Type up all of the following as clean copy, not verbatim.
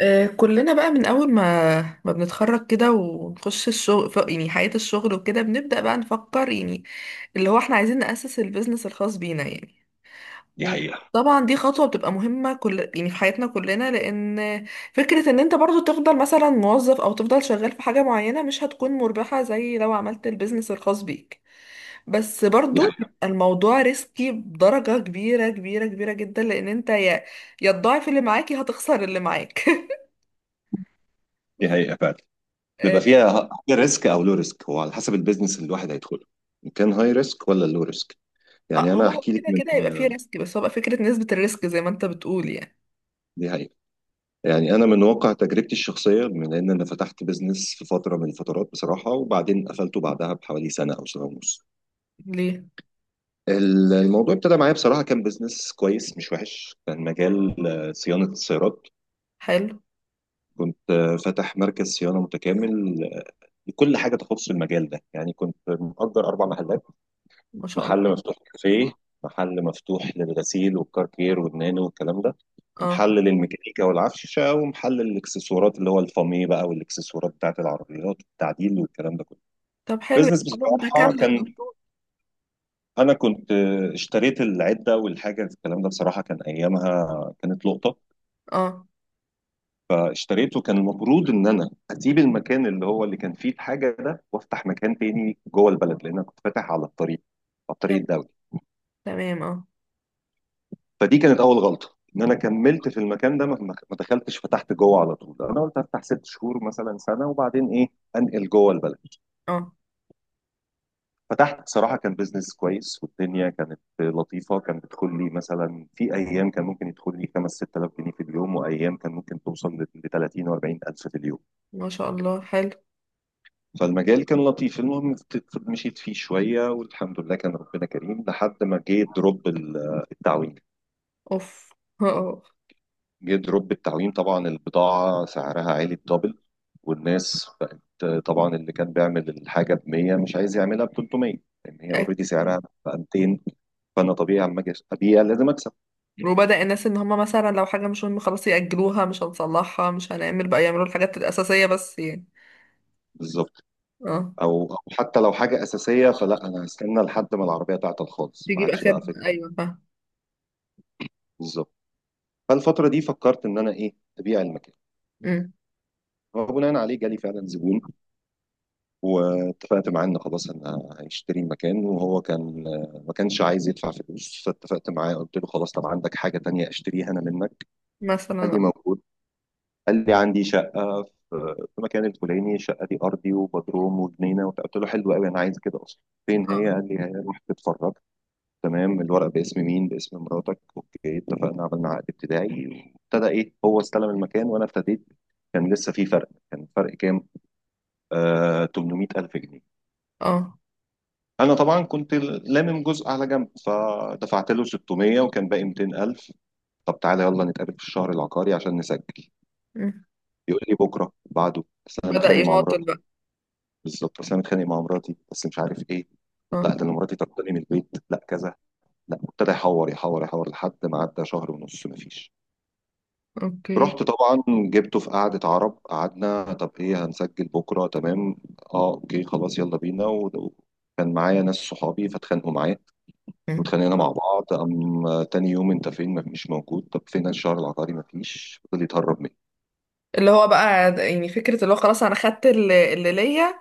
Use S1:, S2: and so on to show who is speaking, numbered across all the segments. S1: آه، كلنا بقى من اول ما بنتخرج كده ونخش الشغل يعني حياة الشغل وكده بنبدأ بقى نفكر يعني اللي هو احنا عايزين نأسس البيزنس الخاص بينا يعني.
S2: دي حقيقة.
S1: وطبعا دي خطوة بتبقى مهمة كل يعني في حياتنا كلنا، لأن فكرة ان انت برضو تفضل مثلا موظف او تفضل شغال في حاجة معينة مش هتكون مربحة زي لو عملت البيزنس الخاص بيك. بس
S2: دي
S1: برضو
S2: حقيقة.
S1: بيبقى الموضوع ريسكي بدرجة كبيرة كبيرة كبيرة جدا، لأن انت يا تضاعف اللي معاك يا هتخسر اللي معاك.
S2: دي حقيقة فعلا. بيبقى فيها هاي ريسك او لو ريسك، هو على حسب البيزنس اللي الواحد هيدخله، ان كان هاي ريسك ولا لو ريسك.
S1: آه،
S2: انا
S1: هو
S2: هحكي لك
S1: كده
S2: من.
S1: كده يبقى فيه ريسك، بس هو بقى فكرة نسبة الريسك زي ما انت بتقول يعني.
S2: دي حقيقة. انا من واقع تجربتي الشخصية، من ان انا فتحت بيزنس في فترة من الفترات بصراحة، وبعدين قفلته بعدها بحوالي سنة او سنة ونص.
S1: ليه؟
S2: الموضوع ابتدى معايا بصراحة، كان بيزنس كويس مش وحش، كان مجال صيانة السيارات.
S1: حلو.
S2: كنت فاتح مركز صيانة متكامل لكل حاجة تخص المجال ده. يعني كنت مأجر أربع محلات:
S1: ما شاء الله.
S2: محل مفتوح كافيه، محل مفتوح للغسيل والكاركير والنانو والكلام ده،
S1: اه.
S2: ومحل للميكانيكا والعفشة، ومحل للإكسسوارات اللي هو الفامي بقى، والإكسسوارات بتاعت العربيات والتعديل والكلام ده كله.
S1: طب حلو،
S2: بزنس
S1: يعني حاجة
S2: بصراحة
S1: متكاملة
S2: كان.
S1: المفروض.
S2: أنا كنت اشتريت العدة والحاجة الكلام ده، بصراحة كان أيامها كانت لقطة.
S1: اه.
S2: فاشتريته. كان المفروض إن أنا أسيب المكان اللي هو اللي كان فيه الحاجة ده، وأفتح مكان تاني جوه البلد، لأن أنا كنت فاتح على الطريق، على
S1: طب
S2: الطريق الدولي.
S1: تمام، اه.
S2: فدي كانت اول غلطه، ان انا كملت في المكان ده. ما دخلتش فتحت جوه على طول. انا قلت افتح ست شهور مثلا، سنه، وبعدين ايه انقل جوه البلد.
S1: اه.
S2: فتحت، صراحه كان بيزنس كويس، والدنيا كانت لطيفه. كان بيدخل لي مثلا في ايام، كان ممكن يدخل لي 5 6000 جنيه في اليوم، وايام كان ممكن توصل ل 30 و 40 الف في اليوم.
S1: ما شاء الله، حلو.
S2: فالمجال كان لطيف. المهم، مشيت فيه شويه، والحمد لله كان ربنا كريم، لحد ما جه دروب التعويم.
S1: اوف. اه.
S2: جه دروب التعويم، طبعا البضاعة سعرها عالي الدبل، والناس بقت طبعا اللي كان بيعمل الحاجة ب 100 مش عايز يعملها ب 300، لأن هي اوريدي سعرها
S1: أكيد.
S2: بقى 200. فأنا طبيعي لما أجي أبيع لازم أكسب.
S1: وبدأ الناس ان هما مثلا لو حاجة مش مهمة خلاص يأجلوها، مش هنصلحها مش هنعمل بقى، يعملوا الحاجات الأساسية بس يعني.
S2: بالظبط.
S1: اه،
S2: أو حتى لو حاجة أساسية، فلا، أنا هستنى لحد ما العربية تعطل خالص، ما
S1: تجيب
S2: عادش
S1: آخرها،
S2: بقى فكرة.
S1: أيوة فاهم.
S2: بالظبط. فالفترة دي فكرت إن أنا إيه، أبيع المكان.
S1: أمم.
S2: وبناء عليه جالي فعلا زبون، واتفقت معاه ان خلاص انا هيشتري مكان، وهو كان ما كانش عايز يدفع فلوس. فاتفقت معاه، قلت له: خلاص، طب عندك حاجه تانية اشتريها انا منك؟ قال
S1: مثلا.
S2: لي: موجود. قال لي: عندي شقه في في مكان الفلاني، الشقه دي ارضي وبدروم وجنينه وبتاع. قلت له: حلو قوي، انا عايز كده اصلا. فين هي؟
S1: اه.
S2: قال لي: هي روح تتفرج. تمام، الورق باسم مين؟ باسم مراتك. اوكي، اتفقنا، عملنا عقد ابتدائي. وابتدى ايه، هو استلم المكان، وانا ابتديت. كان لسه في فرق، كان فرق كام؟ آه، 800,000 جنيه.
S1: اه.
S2: انا طبعا كنت لامم جزء على جنب، فدفعت له 600، وكان باقي 200,000. طب تعالى يلا نتقابل في الشهر العقاري عشان نسجل.
S1: أمم.
S2: يقول لي: بكره بعده، بس انا
S1: بدأ
S2: متخانق مع
S1: يماطل
S2: مراتي.
S1: بقى.
S2: بالظبط، بس انا متخانق مع مراتي، بس مش عارف ايه، لا
S1: اه،
S2: ده انا مراتي طرداني من البيت، لا كذا. لا، ابتدى يحور يحور يحور لحد ما عدى شهر ونص مفيش.
S1: اوكي.
S2: رحت طبعا جبته في قعدة عرب، قعدنا. طب ايه، هنسجل بكره؟ تمام. اه اوكي خلاص، يلا بينا. وكان معايا ناس صحابي، فاتخانقوا معايا، واتخانقنا مع بعض. قام تاني يوم، انت فين؟ ما مش موجود. طب فين الشهر العقاري؟ ما فيش، فضل يتهرب مني.
S1: اللي هو بقى يعني فكرة اللي هو خلاص، انا خدت اللي ليا.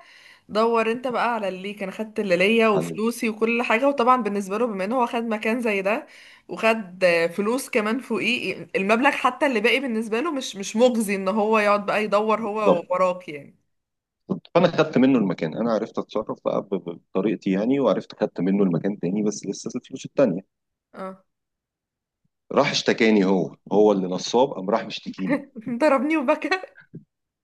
S1: دور انت بقى على اللي ليك، انا خدت اللي ليا
S2: على-
S1: وفلوسي وكل حاجة. وطبعا بالنسبة له بما ان هو خد مكان زي ده وخد فلوس كمان فوقيه، المبلغ حتى اللي باقي بالنسبة له مش مجزي ان هو يقعد بقى يدور هو
S2: بالظبط.
S1: وراك يعني.
S2: فانا خدت منه المكان، انا عرفت اتصرف بقى بطريقتي يعني، وعرفت خدت منه المكان تاني، بس لسه الفلوس التانية.
S1: اه.
S2: راح اشتكاني، هو اللي نصاب، قام راح مشتكيني.
S1: ضربني وبكى.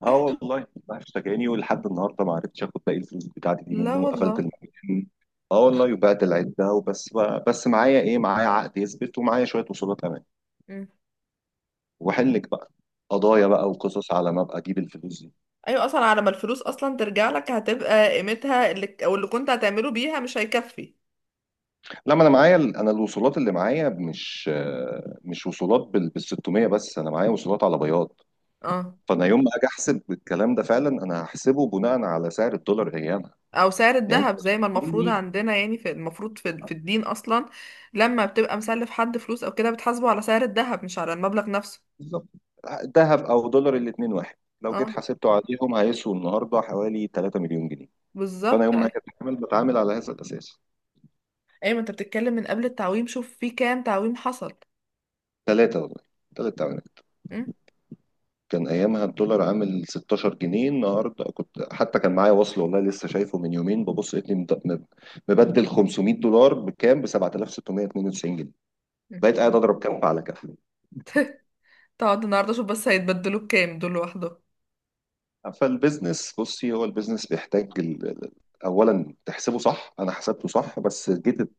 S2: اه والله راح اشتكاني، ولحد النهارده ما عرفتش اخد باقي الفلوس بتاعتي دي
S1: لا
S2: منه. قفلت
S1: والله.
S2: المكان، اه والله، وبعت العده، وبس بقى. بس معايا ايه، معايا عقد يثبت، ومعايا شويه وصولات امان.
S1: مم.
S2: وحلك بقى قضايا بقى وقصص، على ما ابقى اجيب الفلوس دي.
S1: ايوه، اصلا على ما الفلوس اصلا ترجع لك هتبقى قيمتها اللي او اللي كنت هتعمله بيها مش هيكفي.
S2: لما انا معايا انا الوصولات اللي معايا، مش وصولات بال 600، بس انا معايا وصولات على بياض.
S1: اه،
S2: فانا يوم ما اجي احسب الكلام ده، فعلا انا هحسبه بناء على سعر الدولار ايامها.
S1: او سعر
S2: يعني انت
S1: الذهب زي ما المفروض
S2: بتديني-
S1: عندنا، يعني في المفروض في الدين اصلا. لما بتبقى مسلف حد فلوس او كده بتحاسبه على سعر الذهب مش على المبلغ نفسه.
S2: بالظبط. ذهب او دولار الاثنين واحد، لو جيت
S1: اه،
S2: حسبته عليهم هيسووا النهارده حوالي 3 مليون جنيه. فانا
S1: بالظبط
S2: يوم ما
S1: ايوه.
S2: اجي اتعامل، بتعامل على هذا الاساس.
S1: ما انت بتتكلم من قبل التعويم، شوف في كام تعويم حصل.
S2: ثلاثه والله، ثلاثه.
S1: م؟
S2: كان ايامها الدولار عامل 16 جنيه. النهارده كنت حتى كان معايا وصل، والله لسه شايفه من يومين، ببص لقيتني مبدل 500 دولار بكام؟ ب 7,692 جنيه. بقيت قاعد
S1: م.
S2: اضرب كف على كف.
S1: تقعد النهارده شوف بس هيتبدلوا بكام دول لوحدهم.
S2: فالبيزنس، بصي، هو البيزنس بيحتاج اولا تحسبه صح. انا حسبته صح، بس جيت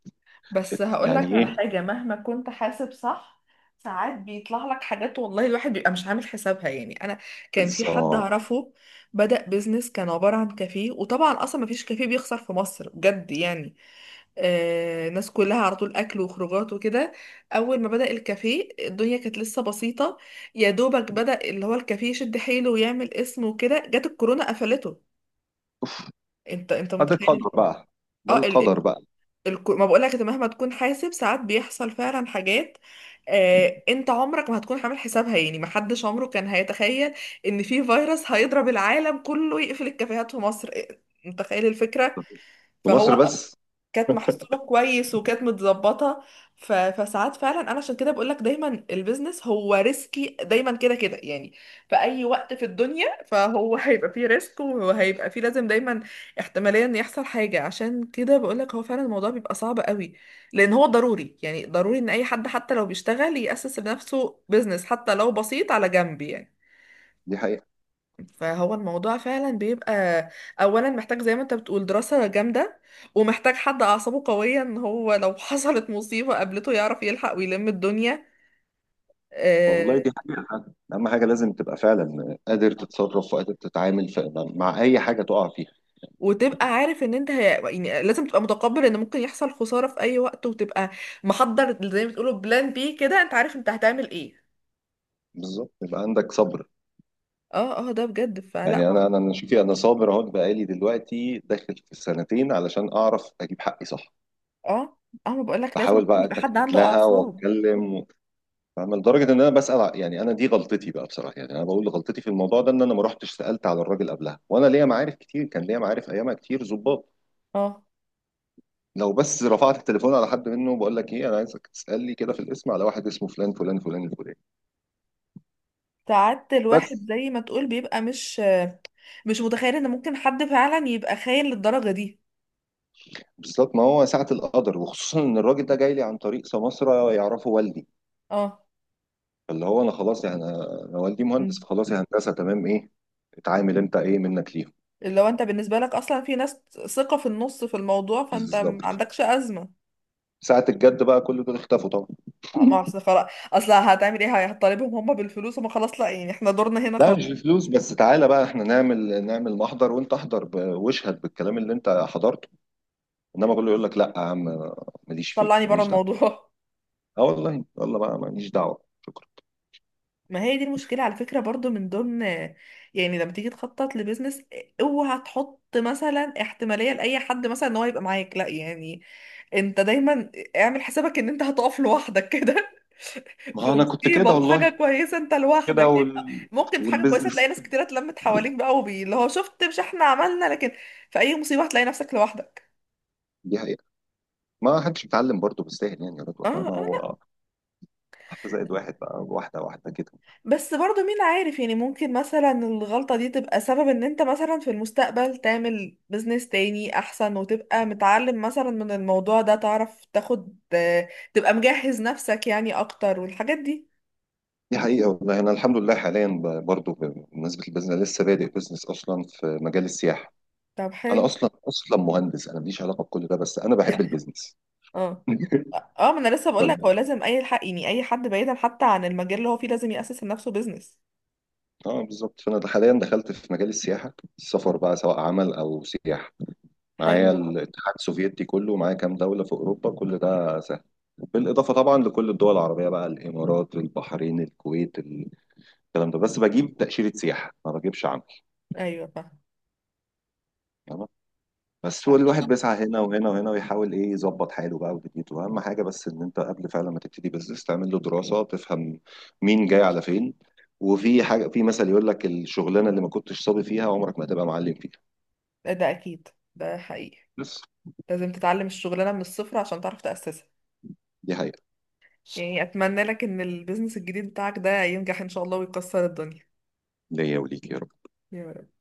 S1: بس هقولك
S2: يعني
S1: على
S2: ايه.
S1: حاجة، مهما كنت حاسب صح ساعات بيطلع لك حاجات والله الواحد بيبقى مش عامل حسابها يعني. انا كان في حد
S2: بالظبط.
S1: اعرفه بدأ بيزنس كان عبارة عن كافيه، وطبعا اصلا مفيش كافيه بيخسر في مصر بجد يعني. الناس كلها على طول اكل وخروجات وكده. اول ما بدأ الكافيه الدنيا كانت لسه بسيطة، يا دوبك بدأ اللي هو الكافيه يشد حيله ويعمل اسم وكده جت الكورونا قفلته. انت
S2: ده
S1: متخيل
S2: القدر بقى. ده
S1: اه ال... ال...
S2: القدر بقى.
S1: ما بقولك انت مهما تكون حاسب ساعات بيحصل فعلا حاجات. انت عمرك ما هتكون عامل حسابها يعني، محدش عمره كان هيتخيل ان في فيروس هيضرب العالم كله يقفل الكافيهات في مصر، إيه، متخيل الفكرة.
S2: في مصر
S1: فهو
S2: بس.
S1: كانت محسوبة كويس وكانت متظبطة. فساعات فعلا انا عشان كده بقول لك دايما البيزنس هو ريسكي دايما كده كده يعني في اي وقت في الدنيا. فهو هيبقى فيه ريسك وهيبقى فيه، لازم دايما احتمالية ان يحصل حاجة. عشان كده بقول لك هو فعلا الموضوع بيبقى صعب قوي، لان هو ضروري يعني ضروري ان اي حد حتى لو بيشتغل يأسس لنفسه بيزنس حتى لو بسيط على جنب يعني.
S2: دي حقيقة
S1: فهو الموضوع فعلا بيبقى اولا محتاج زي ما انت بتقول دراسة جامدة، ومحتاج حد اعصابه قوية ان هو لو حصلت مصيبة قابلته يعرف يلحق ويلم الدنيا.
S2: والله،
S1: آه،
S2: دي حقيقة فعلا. أهم حاجة لازم تبقى فعلا قادر تتصرف وقادر تتعامل مع أي حاجة تقع فيها.
S1: وتبقى عارف ان انت يعني لازم تبقى متقبل ان ممكن يحصل خسارة في اي وقت، وتبقى محضر زي ما بتقولوا بلان بي كده، انت عارف انت هتعمل ايه.
S2: بالظبط، يبقى عندك صبر.
S1: اه اه، ده بجد. فلا
S2: يعني
S1: ما.
S2: أنا شوفي، أنا صابر أهو، بقالي دلوقتي داخل في السنتين علشان أعرف أجيب حقي صح.
S1: اه اه، ما بقولك لازم
S2: بحاول
S1: يكون
S2: بقى
S1: يبقى حد
S2: أتكتك
S1: عنده
S2: لها
S1: اعصاب.
S2: وأتكلم فاهمة. لدرجة إن أنا يعني، أنا دي غلطتي بقى بصراحة. يعني أنا بقول غلطتي في الموضوع ده، إن أنا ما رحتش سألت على الراجل قبلها، وأنا ليا معارف كتير، كان ليا معارف أيامها كتير ظباط.
S1: اه.
S2: لو بس رفعت التليفون على حد منه، بقول لك ايه، انا عايزك تسال لي كده في الاسم على واحد اسمه فلان فلان فلان الفلاني.
S1: ساعات
S2: بس.
S1: الواحد زي ما تقول بيبقى مش متخيل ان ممكن حد فعلا يبقى خاين للدرجة دي.
S2: بالظبط. ما هو ساعه القدر، وخصوصا ان الراجل ده جاي لي عن طريق سماسره يعرفه والدي.
S1: اه.
S2: فاللي هو انا خلاص يعني، أنا والدي مهندس،
S1: مم.
S2: فخلاص يا هندسه تمام ايه، اتعامل انت، ايه منك ليهم.
S1: لو انت بالنسبة لك اصلا في ناس ثقة في النص في الموضوع فانت ما
S2: بالظبط.
S1: عندكش ازمة.
S2: ساعة الجد بقى كل دول اختفوا طبعا.
S1: ما اصل خلاص، اصل هتعمل ايه؟ هتطالبهم هم بالفلوس؟ هم خلاص لا، يعني احنا دورنا هنا
S2: لا مش
S1: خلاص.
S2: بفلوس بس، تعالى بقى احنا نعمل، نعمل محضر وانت احضر واشهد بالكلام اللي انت حضرته. انما كله يقول لك: لا يا عم، ماليش فيه،
S1: طلعني
S2: انا
S1: بره
S2: ماليش دعوه.
S1: الموضوع.
S2: اه والله، والله بقى ماليش دعوه.
S1: ما هي دي المشكلة على فكرة برضو من ضمن، يعني لما تيجي تخطط لبيزنس اوعى تحط مثلا احتمالية لأي حد مثلا ان هو يبقى معاك، لا يعني، انت دايما اعمل حسابك ان انت هتقف لوحدك كده.
S2: ما
S1: في
S2: هو انا كنت كده
S1: مصيبة في حاجة
S2: والله،
S1: كويسة انت
S2: كده
S1: لوحدك يعني، ممكن في حاجة كويسة تلاقي
S2: والبيزنس.
S1: ناس كتيرة اتلمت حواليك بقى، وبي اللي هو شفت مش احنا عملنا لكن في اي مصيبة هتلاقي نفسك لوحدك.
S2: دي حقيقة. ما حدش بيتعلم برضه بالساهل، يعني يا
S1: اه
S2: رضوى فاهمة.
S1: اه،
S2: هو
S1: لا.
S2: واحدة زائد واحد بقى، واحدة واحدة كده.
S1: بس برضو مين عارف يعني، ممكن مثلا الغلطة دي تبقى سبب ان انت مثلا في المستقبل تعمل بزنس تاني احسن وتبقى متعلم مثلا من الموضوع ده، تعرف تاخد، تبقى مجهز نفسك يعني اكتر والحاجات دي.
S2: دي حقيقة والله. أنا الحمد لله حاليا برضه بمناسبة البيزنس، أنا لسه بادئ بيزنس أصلا في مجال السياحة.
S1: طب
S2: أنا
S1: حلو.
S2: أصلا مهندس، أنا ماليش علاقة بكل ده، بس أنا بحب البيزنس.
S1: اه اه، ما انا لسه بقول لك هو لازم اي حق يعني اي حد بعيدا حتى عن المجال اللي هو فيه لازم يأسس لنفسه بيزنس.
S2: اه بالظبط. فأنا حاليا دخلت في مجال السياحة، السفر بقى سواء عمل أو سياحة. معايا
S1: حلو.
S2: الاتحاد السوفيتي كله، معايا كام دولة في أوروبا، كل ده سهل، بالإضافة طبعا لكل الدول العربية بقى: الإمارات، البحرين، الكويت، الكلام ده. بس بجيب تأشيرة سياحة ما بجيبش عمل.
S1: ايوه فاهم.
S2: تمام. بس هو الواحد بيسعى هنا وهنا وهنا ويحاول إيه يظبط حاله بقى ودنيته. أهم حاجة بس إن أنت قبل فعلا ما تبتدي بزنس، تعمل له دراسة، تفهم مين جاي على فين. وفي حاجة، في مثل يقول لك: الشغلانة اللي ما كنتش صابي فيها عمرك ما هتبقى معلم فيها.
S1: ده اكيد، ده حقيقي.
S2: بس.
S1: لازم تتعلم الشغلانه من الصفر عشان تعرف تأسسها.
S2: دي حقيقة.
S1: يعني اتمنى لك ان البيزنس الجديد بتاعك ده ينجح ان شاء الله ويكسر الدنيا.
S2: ليا وليك يا.
S1: يا رب.